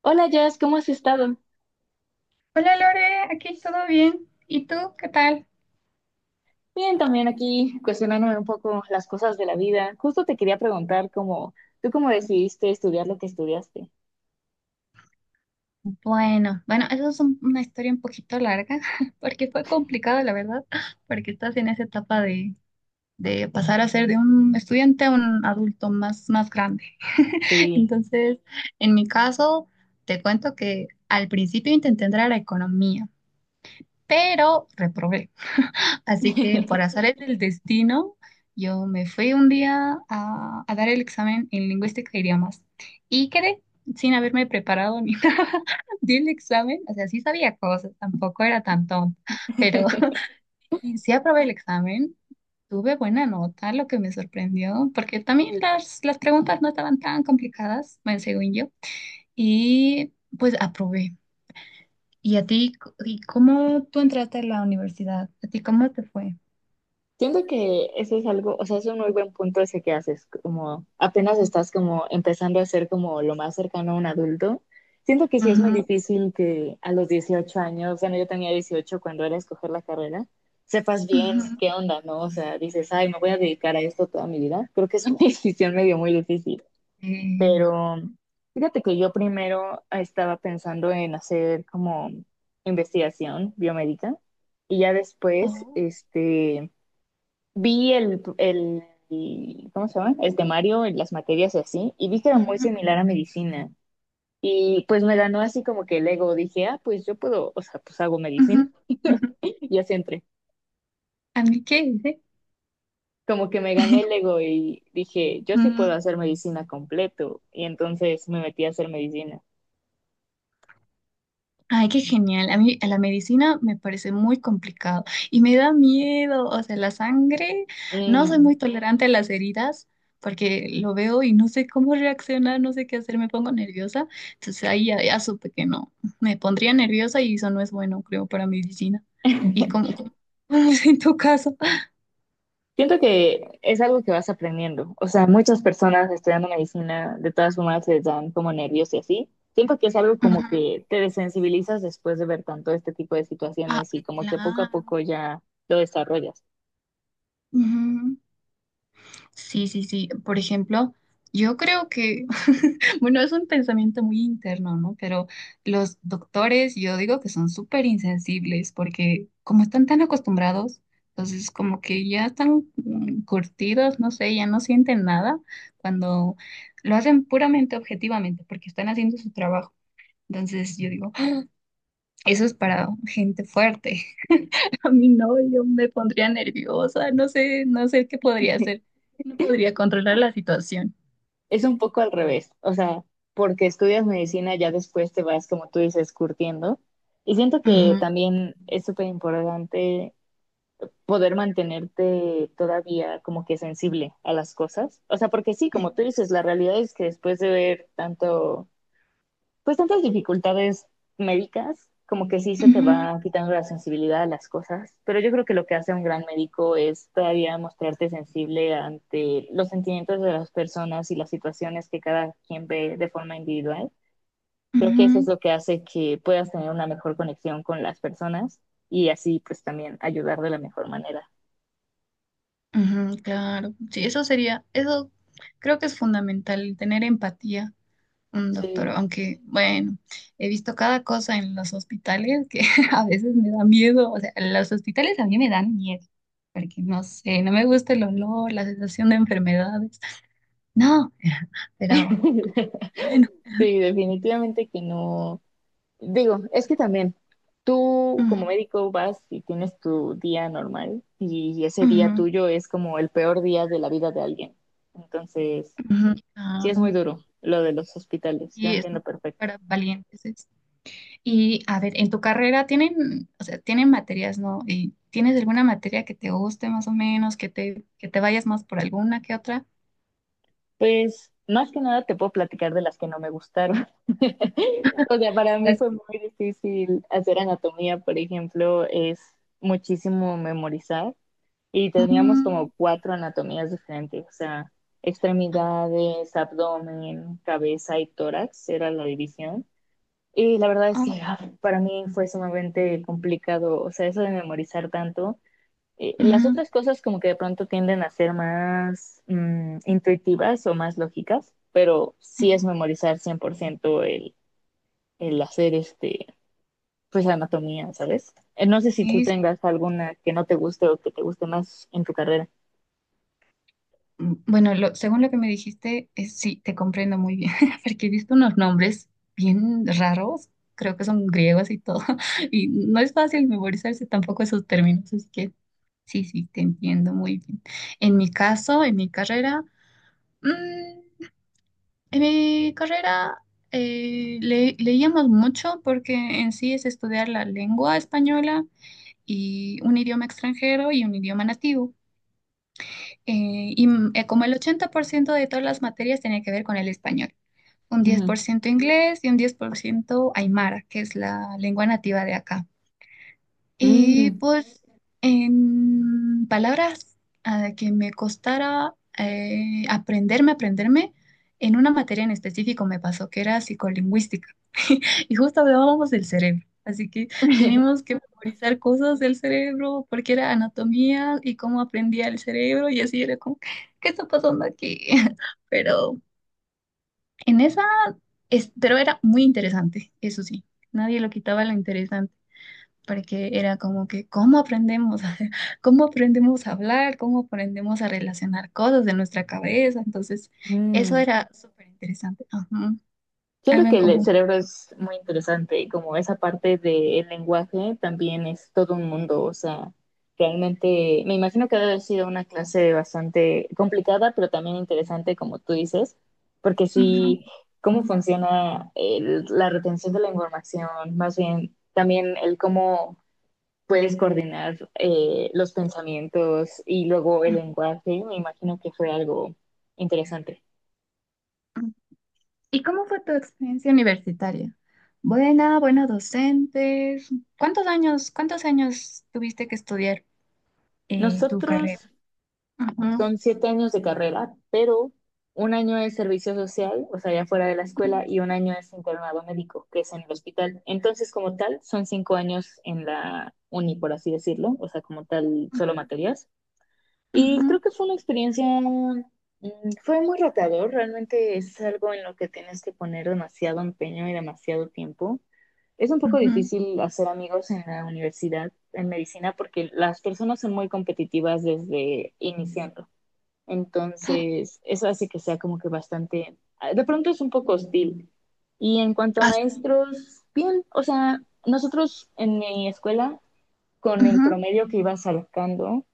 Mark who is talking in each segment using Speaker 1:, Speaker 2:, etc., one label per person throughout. Speaker 1: Hola Jess, ¿cómo has estado?
Speaker 2: Hola Lore, aquí todo bien. ¿Y tú qué tal?
Speaker 1: Bien, también aquí cuestionándome un poco las cosas de la vida. Justo te quería preguntar ¿tú cómo decidiste estudiar lo que estudiaste?
Speaker 2: Bueno, bueno, eso es una historia un poquito larga, porque fue complicado, la verdad, porque estás en esa etapa de pasar a ser de un estudiante a un adulto más grande.
Speaker 1: Sí.
Speaker 2: Entonces, en mi caso, te cuento que al principio intenté entrar a economía, pero reprobé. Así que por azares del destino, yo me fui un día a dar el examen en lingüística e idiomas y quedé sin haberme preparado ni nada. Di el examen, o sea, sí sabía cosas, tampoco era tan tonta, pero y sí aprobé el examen, tuve buena nota, lo que me sorprendió, porque también las preguntas no estaban tan complicadas, bueno, según yo, y pues aprobé. ¿Y a ti, y cómo tú entraste a la universidad? ¿A ti cómo te fue?
Speaker 1: Siento que eso es algo, o sea, es un muy buen punto ese que haces, como apenas estás como empezando a ser como lo más cercano a un adulto. Siento que sí es muy
Speaker 2: Ujú,
Speaker 1: difícil que a los 18 años, bueno, yo tenía 18 cuando era escoger la carrera, sepas bien
Speaker 2: ujú.
Speaker 1: qué onda, ¿no? O sea, dices, ay, me voy a dedicar a esto toda mi vida. Creo que es una decisión medio muy difícil,
Speaker 2: Eh,
Speaker 1: pero fíjate que yo primero estaba pensando en hacer como investigación biomédica y ya después,
Speaker 2: oh,
Speaker 1: vi el ¿cómo se llama? El temario, y las materias y así, y vi que era muy
Speaker 2: ujú,
Speaker 1: similar a medicina. Y pues me ganó así como que el ego. Dije, ah, pues yo puedo, o sea, pues hago
Speaker 2: ujú,
Speaker 1: medicina.
Speaker 2: ujú.
Speaker 1: Y así entré.
Speaker 2: ¿A mí qué hice?
Speaker 1: Como que me ganó el ego y dije, yo sí puedo
Speaker 2: Mm,
Speaker 1: hacer medicina completo. Y entonces me metí a hacer medicina.
Speaker 2: Ay, qué genial. A mí a la medicina me parece muy complicado y me da miedo. O sea, la sangre, no soy
Speaker 1: Mm.
Speaker 2: muy tolerante a las heridas porque lo veo y no sé cómo reaccionar, no sé qué hacer, me pongo nerviosa. Entonces ahí ya, ya supe que no, me pondría nerviosa y eso no es bueno, creo, para medicina. ¿Y cómo, cómo es en tu caso?
Speaker 1: Siento que es algo que vas aprendiendo. O sea, muchas personas estudiando medicina de todas formas se dan como nervios y así. Siento que es algo como
Speaker 2: Ujú.
Speaker 1: que te desensibilizas después de ver tanto este tipo de
Speaker 2: Ah,
Speaker 1: situaciones y como que poco a
Speaker 2: claro.
Speaker 1: poco ya lo desarrollas.
Speaker 2: Ujú. Sí, sí, sí. Por ejemplo, yo creo que, bueno, es un pensamiento muy interno, ¿no? Pero los doctores, yo digo que son súper insensibles porque como están tan acostumbrados, entonces como que ya están curtidos, no sé, ya no sienten nada cuando lo hacen puramente objetivamente porque están haciendo su trabajo. Entonces yo digo, "Ah, eso es para gente fuerte. A mí no, yo me pondría nerviosa, no sé, no sé qué podría hacer. No podría controlar la situación.
Speaker 1: Es un poco al revés. O sea, porque estudias medicina ya después te vas, como tú dices, curtiendo. Y siento que
Speaker 2: Ujú,
Speaker 1: también es súper importante poder mantenerte todavía como que sensible a las cosas. O sea, porque sí, como tú dices, la realidad es que después de ver tanto, pues tantas dificultades médicas, como que sí se te
Speaker 2: ujú,
Speaker 1: va quitando la sensibilidad a las cosas, pero yo creo que lo que hace un gran médico es todavía mostrarte sensible ante los sentimientos de las personas y las situaciones que cada quien ve de forma individual. Creo que eso es
Speaker 2: ujú,
Speaker 1: lo que hace que puedas tener una mejor conexión con las personas y así pues también ayudar de la mejor manera.
Speaker 2: ujú, claro, sí, eso sería, eso creo que es fundamental, tener empatía, un doctor,
Speaker 1: Sí,
Speaker 2: aunque bueno, he visto cada cosa en los hospitales que a veces me da miedo, o sea, los hospitales a mí me dan miedo, porque no sé, no me gusta el olor, la sensación de enfermedades, no, pero bueno,
Speaker 1: sí, definitivamente que no. Digo, es que también tú como
Speaker 2: ujú,
Speaker 1: médico vas y tienes tu día normal y ese día
Speaker 2: ujú,
Speaker 1: tuyo es como el peor día de la vida de alguien. Entonces,
Speaker 2: ujú,
Speaker 1: sí es
Speaker 2: claro,
Speaker 1: muy duro lo de los hospitales, yo
Speaker 2: y es
Speaker 1: entiendo perfecto.
Speaker 2: para valientes. Y a ver, en tu carrera tienen, o sea, tienen materias, ¿no? ¿Y tienes alguna materia que te guste más o menos, que te vayas más por alguna que otra?
Speaker 1: Pues más que nada te puedo platicar de las que no me gustaron. O sea, para mí
Speaker 2: Las-
Speaker 1: fue muy difícil hacer anatomía, por ejemplo, es muchísimo memorizar y teníamos como
Speaker 2: Mm,
Speaker 1: cuatro anatomías diferentes, o sea, extremidades, abdomen, cabeza y tórax era la división. Y la verdad es
Speaker 2: oh
Speaker 1: que
Speaker 2: my-
Speaker 1: ah, para mí fue sumamente complicado, o sea, eso de memorizar tanto. Las
Speaker 2: ujú,
Speaker 1: otras cosas como que de pronto tienden a ser más intuitivas o más lógicas, pero sí es
Speaker 2: ujú,
Speaker 1: memorizar 100% el hacer pues anatomía, ¿sabes? No sé si tú
Speaker 2: sí, sí.
Speaker 1: tengas alguna que no te guste o que te guste más en tu carrera.
Speaker 2: Bueno, según lo que me dijiste, sí, te comprendo muy bien, porque he visto unos nombres bien raros, creo que son griegos y todo, y no es fácil memorizarse tampoco esos términos, así que sí, sí, te entiendo muy bien. En mi caso, en mi carrera, mm, En mi carrera leíamos mucho porque en sí es estudiar la lengua española y un idioma extranjero y un idioma nativo. Y como el 80% de todas las materias tenía que ver con el español, un 10% inglés y un 10% aymara, que es la lengua nativa de acá. Y pues en palabras que me costara aprenderme, en una materia en específico me pasó que era psicolingüística y justo hablábamos del cerebro. Así que teníamos que memorizar cosas del cerebro porque era anatomía y cómo aprendía el cerebro y así era como, ¿qué está pasando aquí? Pero en esa, era muy interesante, eso sí, nadie lo quitaba lo interesante porque era como que, cómo aprendemos a hablar? ¿Cómo aprendemos a relacionar cosas de nuestra cabeza? Entonces, eso
Speaker 1: Mm.
Speaker 2: era súper interesante. Ajá, algo
Speaker 1: Siento
Speaker 2: en
Speaker 1: que el
Speaker 2: común.
Speaker 1: cerebro es muy interesante y como esa parte del lenguaje también es todo un mundo, o sea, realmente me imagino que debe haber sido una clase bastante complicada, pero también interesante, como tú dices, porque
Speaker 2: Ujú,
Speaker 1: sí, cómo funciona el- la retención de la información, más bien también el cómo puedes coordinar los pensamientos y luego el
Speaker 2: ujú.
Speaker 1: lenguaje, me imagino que fue algo interesante.
Speaker 2: ¿Y cómo fue tu experiencia universitaria? Buena, buenos docentes. ¿Cuántos años tuviste que estudiar tu
Speaker 1: Nosotros
Speaker 2: carrera? Ajá.
Speaker 1: Son 7 años de carrera, pero un año es servicio social, o sea, ya fuera de la escuela, y
Speaker 2: Ujú,
Speaker 1: un año es internado médico, que es en el hospital. Entonces, como tal, son 5 años en la uni, por así decirlo, o sea, como tal, solo materias. Y
Speaker 2: ujú,
Speaker 1: creo que fue una experiencia, fue muy retador, realmente es algo en lo que tienes que poner demasiado empeño y demasiado tiempo. Es un poco difícil hacer amigos en la universidad, en medicina, porque las personas son muy competitivas desde iniciando. Entonces, eso hace que sea como que bastante, de pronto es un poco hostil. Y en cuanto a
Speaker 2: ¿así? Ujú,
Speaker 1: maestros, bien, o sea, nosotros en mi escuela, con el promedio que ibas sacando,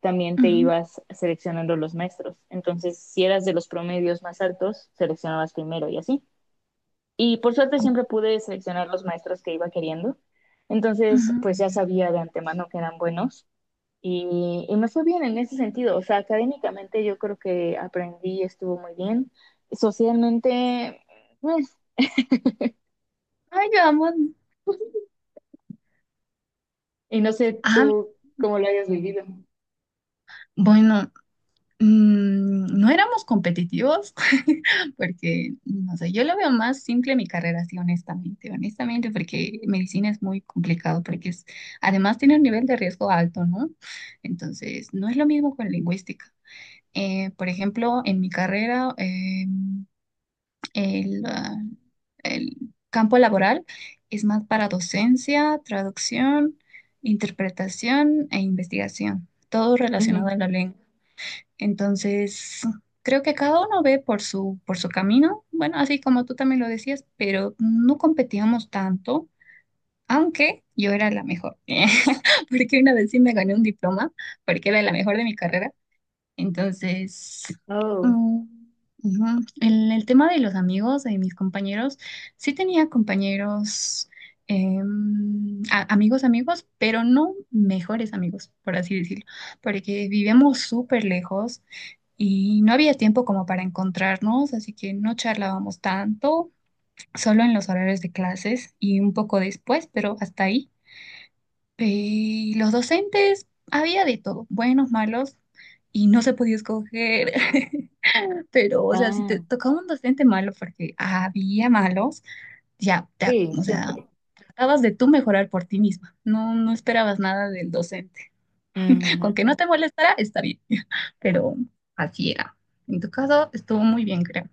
Speaker 1: también
Speaker 2: ah, sí.
Speaker 1: te
Speaker 2: Ujú,
Speaker 1: ibas seleccionando los maestros. Entonces, si eras de los promedios más altos, seleccionabas primero y así. Y por suerte
Speaker 2: ujú,
Speaker 1: siempre pude seleccionar los maestros que iba queriendo. Entonces,
Speaker 2: ujú.
Speaker 1: pues ya sabía de antemano que eran buenos y me fue bien en ese sentido. O sea, académicamente yo creo que aprendí, estuvo muy bien. Socialmente, pues,
Speaker 2: Ay, vamos.
Speaker 1: y no sé
Speaker 2: Ah,
Speaker 1: tú cómo lo hayas vivido.
Speaker 2: bueno, no éramos competitivos porque, no sé, yo lo veo más simple mi carrera, sí, honestamente, honestamente, porque medicina es muy complicado, porque además tiene un nivel de riesgo alto, ¿no? Entonces, no es lo mismo con lingüística. Por ejemplo, en mi carrera, El, ah, el campo laboral es más para docencia, traducción, interpretación e investigación, todo relacionado
Speaker 1: Ujú.
Speaker 2: a la lengua. Entonces, creo que cada uno ve por su, camino, bueno, así como tú también lo decías, pero no competíamos tanto, aunque yo era la mejor, porque una vez sí me gané un diploma, porque era la mejor de mi carrera entonces,
Speaker 1: Oh,
Speaker 2: mm, ujú. En el tema de los amigos, de mis compañeros, sí tenía compañeros, amigos, amigos, pero no mejores amigos, por así decirlo, porque vivíamos súper lejos y no había tiempo como para encontrarnos, así que no charlábamos tanto, solo en los horarios de clases y un poco después, pero hasta ahí. Y los docentes, había de todo, buenos, malos, y no se podía escoger. Pero, o sea, si te
Speaker 1: ah,
Speaker 2: tocaba un docente malo, porque había malos, ya,
Speaker 1: sí,
Speaker 2: o sea,
Speaker 1: siempre.
Speaker 2: tratabas de tú mejorar por ti misma. No, no esperabas nada del docente. Con
Speaker 1: Ujú.
Speaker 2: que no te molestara, está bien. Pero así era. En tu caso, estuvo muy bien, creo.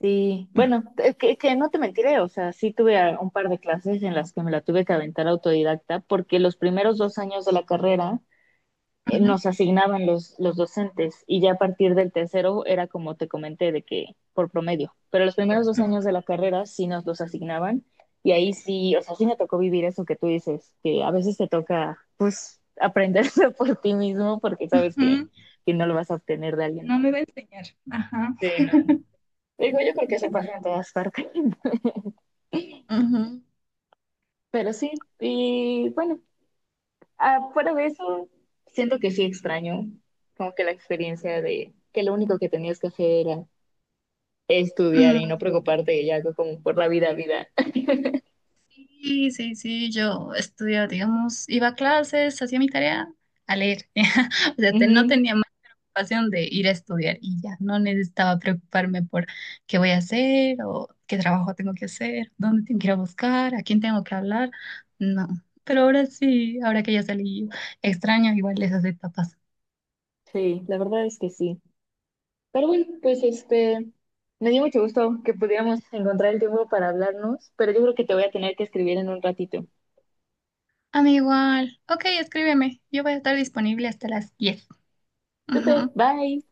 Speaker 1: Sí, bueno, es que no te mentiré, o sea, sí tuve un par de clases en las que me la tuve que aventar autodidacta, porque los primeros 2 años de la carrera
Speaker 2: Ujú,
Speaker 1: nos asignaban los docentes y ya a partir del tercero era como te comenté de que por promedio, pero los primeros dos
Speaker 2: ujú,
Speaker 1: años de la carrera sí nos los asignaban y ahí sí, o sea, sí me tocó vivir eso que tú dices, que a veces te toca pues aprenderlo por ti mismo porque sabes que,
Speaker 2: ujú.
Speaker 1: que no lo vas a obtener de alguien
Speaker 2: No
Speaker 1: más.
Speaker 2: me va a enseñar. Ajá.
Speaker 1: Sí, no. Digo, yo creo que eso pasa en todas partes,
Speaker 2: Ujú,
Speaker 1: pero sí, y bueno, fuera de eso, siento que sí extraño como que la experiencia de que lo único que tenías que hacer era estudiar y no
Speaker 2: ujú.
Speaker 1: preocuparte ya como por la vida, vida.
Speaker 2: Sí, sí, sí, yo estudiaba, digamos, iba a clases, hacía mi tarea a leer. O sea, no
Speaker 1: Ujú,
Speaker 2: tenía más preocupación de ir a estudiar y ya no necesitaba preocuparme por qué voy a hacer o qué trabajo tengo que hacer, dónde tengo que ir a buscar, a quién tengo que hablar. No, pero ahora sí, ahora que ya salí, extraño igual esas etapas.
Speaker 1: sí, la verdad es que sí. Pero bueno, pues me dio mucho gusto que pudiéramos encontrar el tiempo para hablarnos, pero yo creo que te voy a tener que escribir en un ratito.
Speaker 2: A mí igual. Ok, escríbeme. Yo voy a estar disponible hasta las 10.
Speaker 1: Super,
Speaker 2: Ujú.
Speaker 1: bye.